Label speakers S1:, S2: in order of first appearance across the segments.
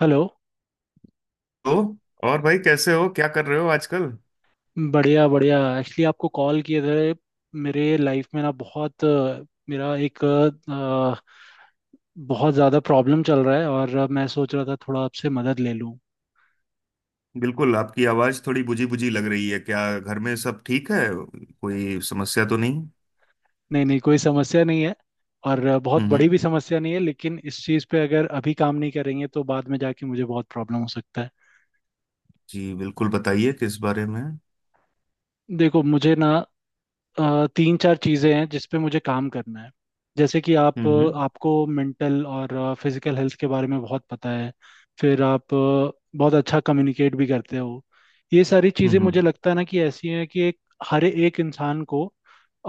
S1: Hello.
S2: तो और भाई, कैसे हो? क्या कर रहे हो आजकल?
S1: बढ़िया बढ़िया, एक्चुअली आपको कॉल किए थे। मेरे लाइफ में ना बहुत मेरा एक बहुत ज़्यादा प्रॉब्लम चल रहा है, और मैं सोच रहा था थोड़ा आपसे मदद ले लूँ।
S2: बिल्कुल। आपकी आवाज थोड़ी बुझी बुझी लग रही है। क्या घर में सब ठीक है? कोई समस्या तो नहीं?
S1: नहीं नहीं, कोई समस्या नहीं है। और बहुत
S2: हम्म।
S1: बड़ी
S2: हम्म।
S1: भी समस्या नहीं है, लेकिन इस चीज़ पे अगर अभी काम नहीं करेंगे तो बाद में जाके मुझे बहुत प्रॉब्लम हो सकता है।
S2: जी बिल्कुल, बताइए किस बारे में। हम्म।
S1: देखो मुझे ना तीन चार चीज़ें हैं जिस पे मुझे काम करना है। जैसे कि आप
S2: हम्म।
S1: आपको मेंटल और फिजिकल हेल्थ के बारे में बहुत पता है। फिर आप बहुत अच्छा कम्युनिकेट भी करते हो। ये सारी
S2: हम्म।
S1: चीज़ें
S2: हम्म।
S1: मुझे लगता है ना कि ऐसी हैं कि एक हर एक इंसान को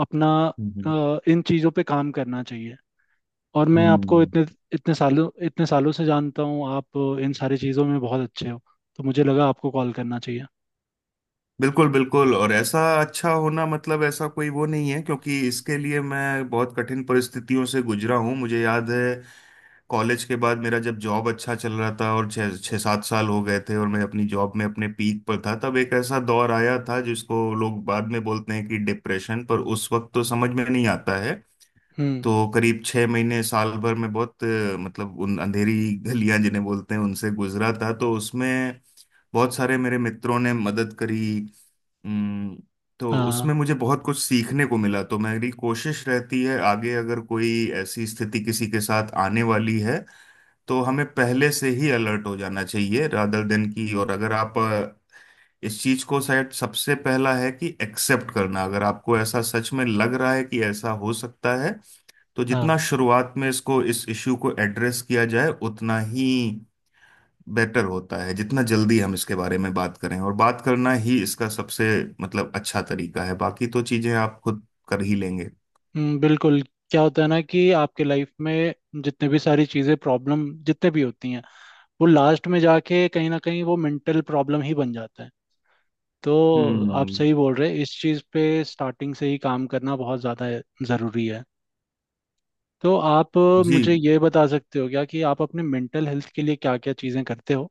S1: अपना
S2: हम्म। हम्म।
S1: इन चीज़ों पे काम करना चाहिए। और मैं आपको
S2: हम्म।
S1: इतने इतने सालों से जानता हूँ। आप इन सारी चीज़ों में बहुत अच्छे हो, तो मुझे लगा आपको कॉल करना चाहिए।
S2: बिल्कुल बिल्कुल। और ऐसा अच्छा होना मतलब ऐसा कोई वो नहीं है, क्योंकि इसके लिए मैं बहुत कठिन परिस्थितियों से गुजरा हूँ। मुझे याद है। कॉलेज के बाद, मेरा जब जॉब अच्छा चल रहा था और छः छः सात साल हो गए थे, और मैं अपनी जॉब में अपने पीक पर था, तब एक ऐसा दौर आया था जिसको लोग बाद में बोलते हैं कि डिप्रेशन। पर उस वक्त तो समझ में नहीं आता है।
S1: हम्म।
S2: तो करीब 6 महीने साल भर में बहुत मतलब उन अंधेरी गलियां जिन्हें बोलते हैं, उनसे गुजरा था। तो उसमें बहुत सारे मेरे मित्रों ने मदद करी। उम, तो
S1: हाँ
S2: उसमें मुझे बहुत कुछ सीखने को मिला। तो मेरी कोशिश रहती है, आगे अगर कोई ऐसी स्थिति किसी के साथ आने वाली है, तो हमें पहले से ही अलर्ट हो जाना चाहिए, रादर देन की। और अगर आप इस चीज को, शायद सबसे पहला है कि एक्सेप्ट करना। अगर आपको ऐसा सच में लग रहा है कि ऐसा हो सकता है, तो जितना
S1: हाँ।
S2: शुरुआत में इसको, इस इश्यू को एड्रेस किया जाए, उतना ही बेटर होता है। जितना जल्दी हम इसके बारे में बात करें, और बात करना ही इसका सबसे मतलब अच्छा तरीका है। बाकी तो चीजें आप खुद कर ही लेंगे।
S1: बिल्कुल। क्या होता है ना कि आपके लाइफ में जितने भी सारी चीज़ें प्रॉब्लम जितने भी होती हैं, वो लास्ट में जाके कहीं ना कहीं वो मेंटल प्रॉब्लम ही बन जाता है। तो आप
S2: हम्म।
S1: सही बोल रहे हैं, इस चीज़ पे स्टार्टिंग से ही काम करना बहुत ज़्यादा ज़रूरी है। तो आप
S2: जी।
S1: मुझे ये बता सकते हो क्या कि आप अपने मेंटल हेल्थ के लिए क्या क्या चीज़ें करते हो?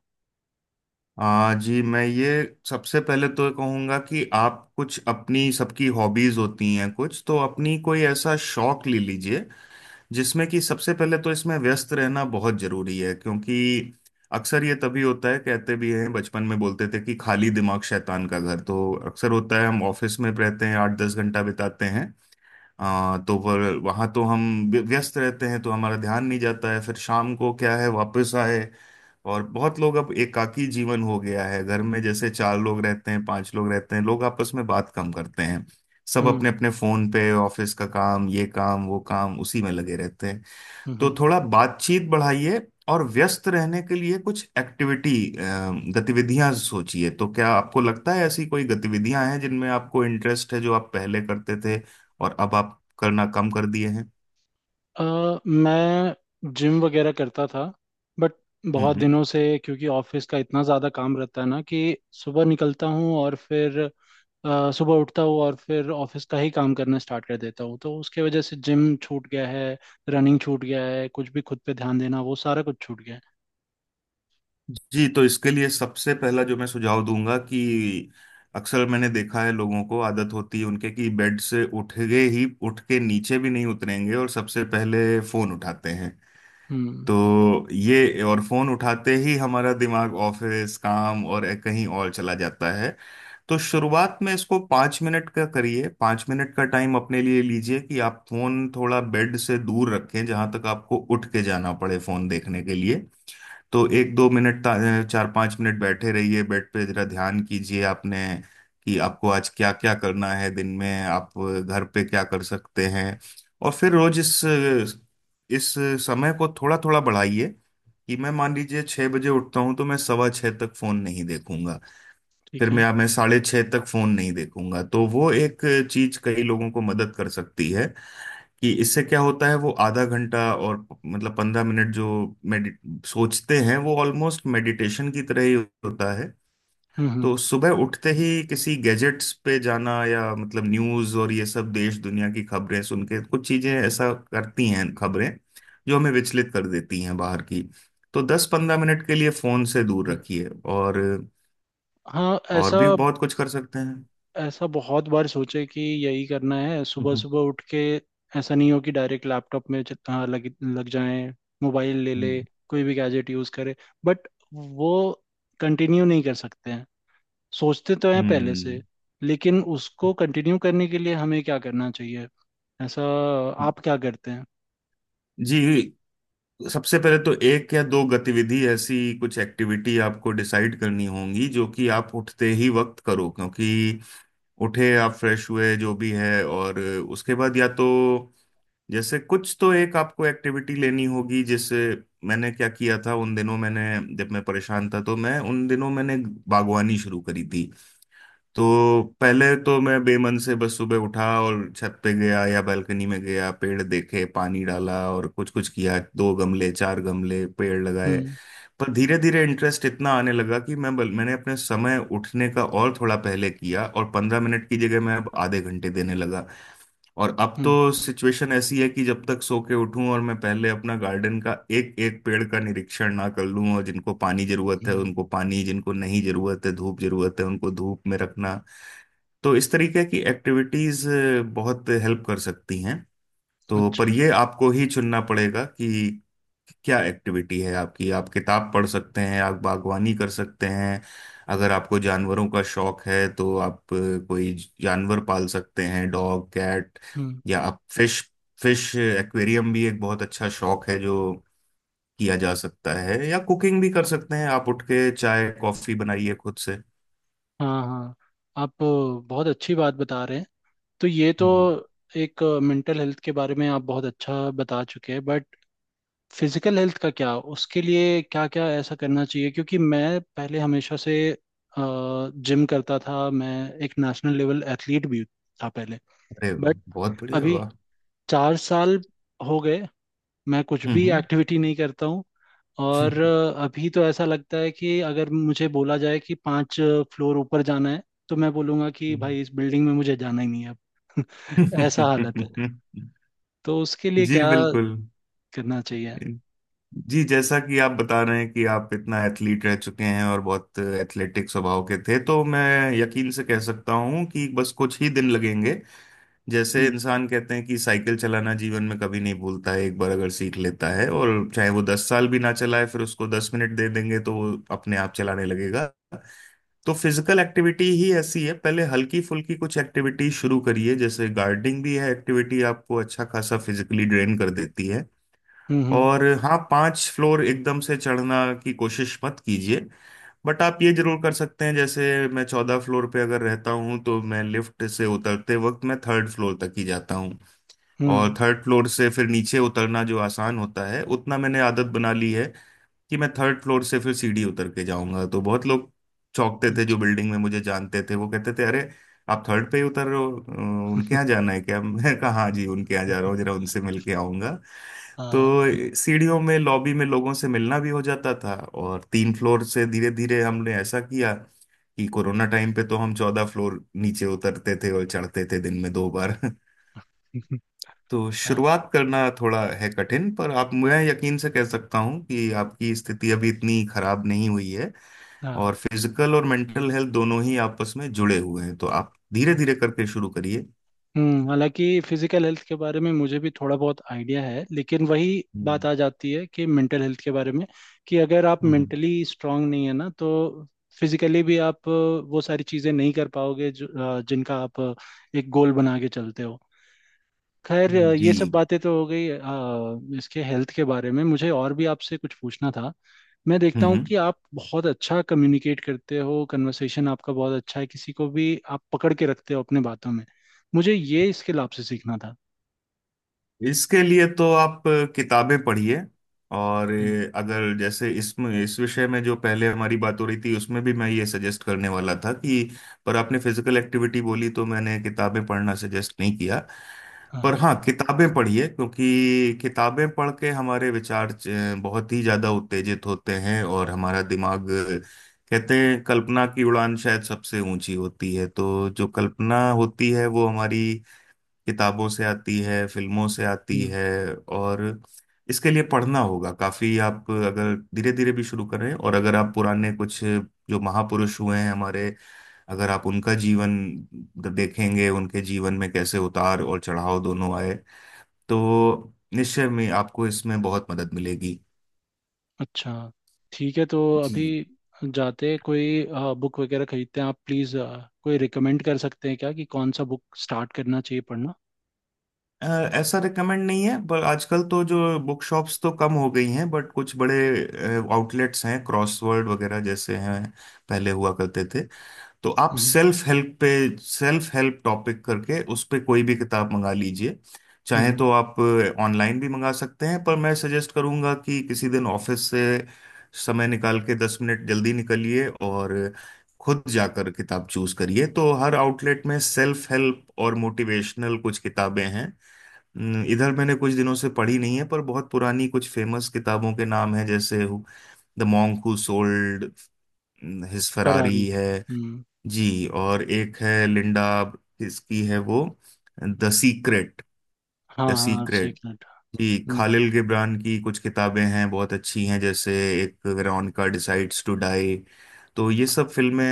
S2: जी मैं ये सबसे पहले तो कहूँगा कि आप कुछ, अपनी सबकी हॉबीज होती हैं, कुछ तो अपनी कोई ऐसा शौक ले लीजिए जिसमें कि सबसे पहले तो इसमें व्यस्त रहना बहुत जरूरी है, क्योंकि अक्सर ये तभी होता है, कहते भी हैं, बचपन में बोलते थे कि खाली दिमाग शैतान का घर। तो अक्सर होता है, हम ऑफिस में रहते हैं, 8-10 घंटा बिताते हैं। तो पर वहाँ तो हम व्यस्त रहते हैं, तो हमारा ध्यान नहीं जाता है। फिर शाम को क्या है, वापस आए। और बहुत लोग, अब एकाकी जीवन हो गया है, घर में जैसे चार लोग रहते हैं, पांच लोग रहते हैं, लोग आपस में बात कम करते हैं। सब
S1: हम्म
S2: अपने अपने फोन पे, ऑफिस का काम, ये काम, वो काम, उसी में लगे रहते हैं।
S1: हम्म
S2: तो
S1: हम्म।
S2: थोड़ा बातचीत बढ़ाइए, और व्यस्त रहने के लिए कुछ एक्टिविटी, गतिविधियां सोचिए। तो क्या आपको लगता है ऐसी कोई गतिविधियां हैं जिनमें आपको इंटरेस्ट है, जो आप पहले करते थे और अब आप करना कम कर दिए हैं?
S1: अ, मैं जिम वगैरह करता था, बट बहुत
S2: हम्म।
S1: दिनों से, क्योंकि ऑफिस का इतना ज़्यादा काम रहता है ना कि सुबह निकलता हूँ और फिर सुबह उठता हूँ और फिर ऑफिस का ही काम करना स्टार्ट कर देता हूँ, तो उसके वजह से जिम छूट गया है, रनिंग छूट गया है, कुछ भी खुद पे ध्यान देना वो सारा कुछ छूट गया है।
S2: जी, तो इसके लिए सबसे पहला जो मैं सुझाव दूंगा कि अक्सर मैंने देखा है, लोगों को आदत होती है उनके कि बेड से उठ गए ही, उठ के नीचे भी नहीं उतरेंगे और सबसे पहले फोन उठाते हैं।
S1: हम्म।
S2: तो ये, और फोन उठाते ही हमारा दिमाग ऑफिस, काम और कहीं और चला जाता है। तो शुरुआत में इसको 5 मिनट का करिए, 5 मिनट का टाइम अपने लिए लीजिए कि आप फोन थोड़ा बेड से दूर रखें, जहां तक आपको उठ के जाना पड़े फोन देखने के लिए। तो 1-2 मिनट 4-5 मिनट बैठे रहिए बेड पे, जरा ध्यान कीजिए आपने कि आपको आज क्या क्या करना है, दिन में आप घर पे क्या कर सकते हैं। और फिर रोज इस समय को थोड़ा थोड़ा बढ़ाइए। कि मैं, मान लीजिए, 6 बजे उठता हूँ, तो मैं 6:15 तक फोन नहीं देखूंगा।
S1: ठीक
S2: फिर
S1: है।
S2: मैं 6:30 तक फोन नहीं देखूंगा। तो वो एक चीज कई लोगों को मदद कर सकती है, कि इससे क्या होता है, वो आधा घंटा और मतलब 15 मिनट जो मेडि सोचते हैं, वो ऑलमोस्ट मेडिटेशन की तरह ही होता है।
S1: हम्म हम्म
S2: तो सुबह उठते ही किसी गैजेट्स पे जाना, या मतलब न्यूज़ और ये सब देश दुनिया की खबरें सुन के, कुछ चीज़ें ऐसा करती हैं खबरें, जो हमें विचलित कर देती हैं बाहर की। तो 10-15 मिनट के लिए फ़ोन से दूर
S1: हम्म।
S2: रखिए। और
S1: हाँ
S2: और
S1: ऐसा,
S2: भी बहुत कुछ कर सकते हैं।
S1: ऐसा बहुत बार सोचे कि यही करना है सुबह
S2: हम्म।
S1: सुबह उठ के, ऐसा नहीं हो कि डायरेक्ट लैपटॉप में लग लग जाए, मोबाइल ले ले,
S2: हम्म।
S1: कोई भी गैजेट यूज़ करे। बट वो कंटिन्यू नहीं कर सकते हैं, सोचते तो हैं पहले
S2: हम्म।
S1: से, लेकिन उसको कंटिन्यू करने के लिए हमें क्या करना चाहिए, ऐसा? आप क्या करते हैं?
S2: जी, सबसे पहले तो एक या दो गतिविधि, ऐसी कुछ एक्टिविटी आपको डिसाइड करनी होंगी जो कि आप उठते ही वक्त करो, क्योंकि उठे आप, फ्रेश हुए, जो भी है, और उसके बाद या तो, जैसे कुछ तो एक आपको एक्टिविटी लेनी होगी। जैसे मैंने क्या किया था उन दिनों, मैंने जब मैं परेशान था, तो मैं उन दिनों मैंने बागवानी शुरू करी थी। तो पहले तो मैं बेमन से बस सुबह उठा, और छत पे गया या बालकनी में गया, पेड़ देखे, पानी डाला, और कुछ कुछ किया, दो गमले चार गमले पेड़ लगाए।
S1: हम्म
S2: पर धीरे धीरे इंटरेस्ट इतना आने लगा, कि मैंने अपने समय उठने का और थोड़ा पहले किया, और 15 मिनट की जगह मैं अब आधे घंटे देने लगा। और अब
S1: हम्म
S2: तो सिचुएशन ऐसी है कि जब तक सो के उठूं और मैं पहले अपना गार्डन का एक एक पेड़ का निरीक्षण ना कर लूं, और जिनको पानी जरूरत है
S1: हम्म,
S2: उनको पानी, जिनको नहीं जरूरत है धूप जरूरत है उनको धूप में रखना। तो इस तरीके की एक्टिविटीज बहुत हेल्प कर सकती हैं। तो
S1: अच्छा।
S2: पर ये आपको ही चुनना पड़ेगा कि क्या एक्टिविटी है आपकी। आप किताब पढ़ सकते हैं, आप बागवानी कर सकते हैं। अगर आपको जानवरों का शौक है तो आप कोई जानवर पाल सकते हैं, डॉग, कैट।
S1: हम्म।
S2: या आप फिश फिश एक्वेरियम भी एक बहुत अच्छा शौक है, जो किया जा सकता है। या कुकिंग भी कर सकते हैं, आप उठ के चाय कॉफी बनाइए खुद से।
S1: हाँ हाँ, आप बहुत अच्छी बात बता रहे हैं। तो ये तो
S2: हम्म। हम्म।
S1: एक मेंटल हेल्थ के बारे में आप बहुत अच्छा बता चुके हैं, बट फिजिकल हेल्थ का क्या? उसके लिए क्या क्या ऐसा करना चाहिए? क्योंकि मैं पहले हमेशा से जिम करता था। मैं एक नेशनल लेवल एथलीट भी था पहले,
S2: अरे वाह,
S1: बट
S2: बहुत बढ़िया,
S1: अभी
S2: वाह।
S1: चार साल हो गए मैं कुछ भी
S2: हम्म।
S1: एक्टिविटी नहीं करता हूँ। और अभी तो ऐसा लगता है कि अगर मुझे बोला जाए कि पांच फ्लोर ऊपर जाना है, तो मैं बोलूंगा कि
S2: हम्म।
S1: भाई इस बिल्डिंग में मुझे जाना ही नहीं है अब। ऐसा हालत है। तो उसके लिए
S2: जी
S1: क्या
S2: बिल्कुल।
S1: करना चाहिए?
S2: जी, जैसा कि आप बता रहे हैं कि आप इतना एथलीट रह चुके हैं और बहुत एथलेटिक स्वभाव के थे, तो मैं यकीन से कह सकता हूं कि बस कुछ ही दिन लगेंगे। जैसे
S1: हम्म
S2: इंसान कहते हैं कि साइकिल चलाना जीवन में कभी नहीं भूलता है, एक बार अगर सीख लेता है, और चाहे वो 10 साल भी ना चलाए, फिर उसको 10 मिनट दे देंगे तो वो अपने आप चलाने लगेगा। तो फिजिकल एक्टिविटी ही ऐसी है, पहले हल्की फुल्की कुछ एक्टिविटी शुरू करिए। जैसे गार्डनिंग भी है एक्टिविटी, आपको अच्छा खासा फिजिकली ड्रेन कर देती है।
S1: हम्म हम्म
S2: और हाँ, 5 फ्लोर एकदम से चढ़ना की कोशिश मत कीजिए। बट आप ये जरूर कर सकते हैं। जैसे मैं 14 फ्लोर पे अगर रहता हूँ, तो मैं लिफ्ट से उतरते वक्त मैं थर्ड फ्लोर तक ही जाता हूँ।
S1: हम्म,
S2: और थर्ड फ्लोर से फिर नीचे उतरना जो आसान होता है उतना, मैंने आदत बना ली है कि मैं थर्ड फ्लोर से फिर सीढ़ी उतर के जाऊंगा। तो बहुत लोग चौंकते थे जो
S1: अच्छा।
S2: बिल्डिंग में मुझे जानते थे, वो कहते थे, अरे आप थर्ड पे ही उतर रहे हो? उनके यहाँ जाना है क्या? मैं कहा, हाँ जी, उनके यहाँ जा रहा हूँ, जरा उनसे मिल के आऊंगा।
S1: हाँ
S2: तो सीढ़ियों में, लॉबी में लोगों से मिलना भी हो जाता था, और 3 फ्लोर से धीरे धीरे हमने ऐसा किया कि कोरोना टाइम पे तो हम 14 फ्लोर नीचे उतरते थे और चढ़ते थे, दिन में 2 बार। तो
S1: हाँ।
S2: शुरुआत करना थोड़ा है कठिन, पर आप, मैं यकीन से कह सकता हूँ कि आपकी स्थिति अभी इतनी खराब नहीं हुई है।
S1: हाँ,
S2: और फिजिकल और मेंटल हेल्थ दोनों ही आपस में जुड़े हुए हैं, तो आप धीरे
S1: हम्म।
S2: धीरे करके शुरू करिए।
S1: हालांकि फिजिकल हेल्थ के बारे में मुझे भी थोड़ा बहुत आइडिया है, लेकिन वही बात
S2: हम्म।
S1: आ जाती है कि मेंटल हेल्थ के बारे में, कि अगर आप
S2: हम्म।
S1: मेंटली स्ट्रांग नहीं है ना, तो फिजिकली भी आप वो सारी चीज़ें नहीं कर पाओगे जो जिनका आप एक गोल बना के चलते हो। खैर
S2: हम्म।
S1: ये सब
S2: जी।
S1: बातें तो हो गई। इसके हेल्थ के बारे में मुझे और भी आपसे कुछ पूछना था। मैं देखता हूँ
S2: हम्म।
S1: कि आप बहुत अच्छा कम्युनिकेट करते हो, कन्वर्सेशन आपका बहुत अच्छा है, किसी को भी आप पकड़ के रखते हो अपने बातों में। मुझे ये स्किल आपसे सीखना था।
S2: इसके लिए तो आप किताबें पढ़िए। और
S1: हम्म।
S2: अगर जैसे इसमें, इस विषय में जो पहले हमारी बात हो रही थी, उसमें भी मैं ये सजेस्ट करने वाला था, कि पर आपने फिजिकल एक्टिविटी बोली तो मैंने किताबें पढ़ना सजेस्ट नहीं किया।
S1: हाँ
S2: पर
S1: हाँ।
S2: हाँ, किताबें पढ़िए, क्योंकि किताबें पढ़ के हमारे विचार बहुत ही ज्यादा उत्तेजित होते हैं, और हमारा दिमाग, कहते हैं, कल्पना की उड़ान शायद सबसे ऊंची होती है। तो जो कल्पना होती है वो हमारी किताबों से आती है, फिल्मों से आती
S1: हम्म,
S2: है। और इसके लिए पढ़ना होगा काफी, आप अगर धीरे धीरे भी शुरू करें। और अगर आप पुराने कुछ जो महापुरुष हुए हैं हमारे, अगर आप उनका जीवन देखेंगे, उनके जीवन में कैसे उतार और चढ़ाव दोनों आए, तो निश्चय में आपको इसमें बहुत मदद मिलेगी।
S1: अच्छा। ठीक है, तो अभी
S2: जी।
S1: जाते कोई बुक वगैरह खरीदते हैं आप, प्लीज़ कोई रिकमेंड कर सकते हैं क्या कि कौन सा बुक स्टार्ट करना चाहिए पढ़ना?
S2: अ, ऐसा रिकमेंड नहीं है, पर आजकल तो जो बुक शॉप्स तो कम हो गई हैं, बट कुछ बड़े आउटलेट्स हैं, क्रॉसवर्ड वगैरह जैसे हैं, पहले हुआ करते थे। तो आप
S1: हम्म।
S2: सेल्फ हेल्प पे, सेल्फ हेल्प टॉपिक करके उस पे कोई भी किताब मंगा लीजिए।
S1: हम्म
S2: चाहे
S1: हम्म,
S2: तो आप ऑनलाइन भी मंगा सकते हैं, पर मैं सजेस्ट करूंगा कि किसी दिन ऑफिस से समय निकाल के 10 मिनट जल्दी निकलिए, और खुद जाकर किताब चूज करिए। तो हर आउटलेट में सेल्फ हेल्प और मोटिवेशनल कुछ किताबें हैं। न, इधर मैंने कुछ दिनों से पढ़ी नहीं है, पर बहुत पुरानी कुछ फेमस किताबों के नाम हैं जैसे the monk who sold his
S1: Ferrari.
S2: Ferrari है।
S1: हम्म।
S2: जी, और एक है, लिंडा किसकी है वो, द सीक्रेट।
S1: हाँ
S2: द
S1: हाँ,
S2: सीक्रेट।
S1: सीक्रेट।
S2: जी। खालिल गिबरान की कुछ किताबें हैं बहुत अच्छी हैं, जैसे एक, वेरोनिका डिसाइड्स टू डाई। तो ये सब फिल्में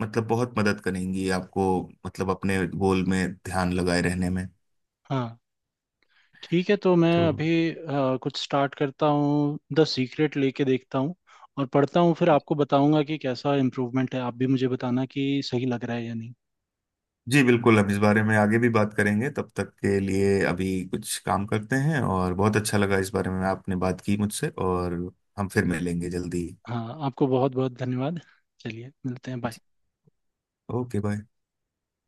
S2: मतलब बहुत मदद करेंगी आपको, मतलब अपने गोल में ध्यान लगाए रहने में।
S1: हाँ ठीक है, तो मैं
S2: तो
S1: अभी कुछ स्टार्ट करता हूँ, द सीक्रेट लेके देखता हूँ और पढ़ता हूँ, फिर आपको बताऊंगा कि कैसा इम्प्रूवमेंट है। आप भी मुझे बताना कि सही लग रहा है या नहीं।
S2: जी बिल्कुल, हम इस बारे में आगे भी बात करेंगे। तब तक के लिए अभी कुछ काम करते हैं, और बहुत अच्छा लगा इस बारे में आपने बात की मुझसे, और हम फिर मिलेंगे जल्दी।
S1: हाँ, आपको बहुत बहुत धन्यवाद। चलिए मिलते हैं,
S2: जी।
S1: बाय।
S2: Okay, bye.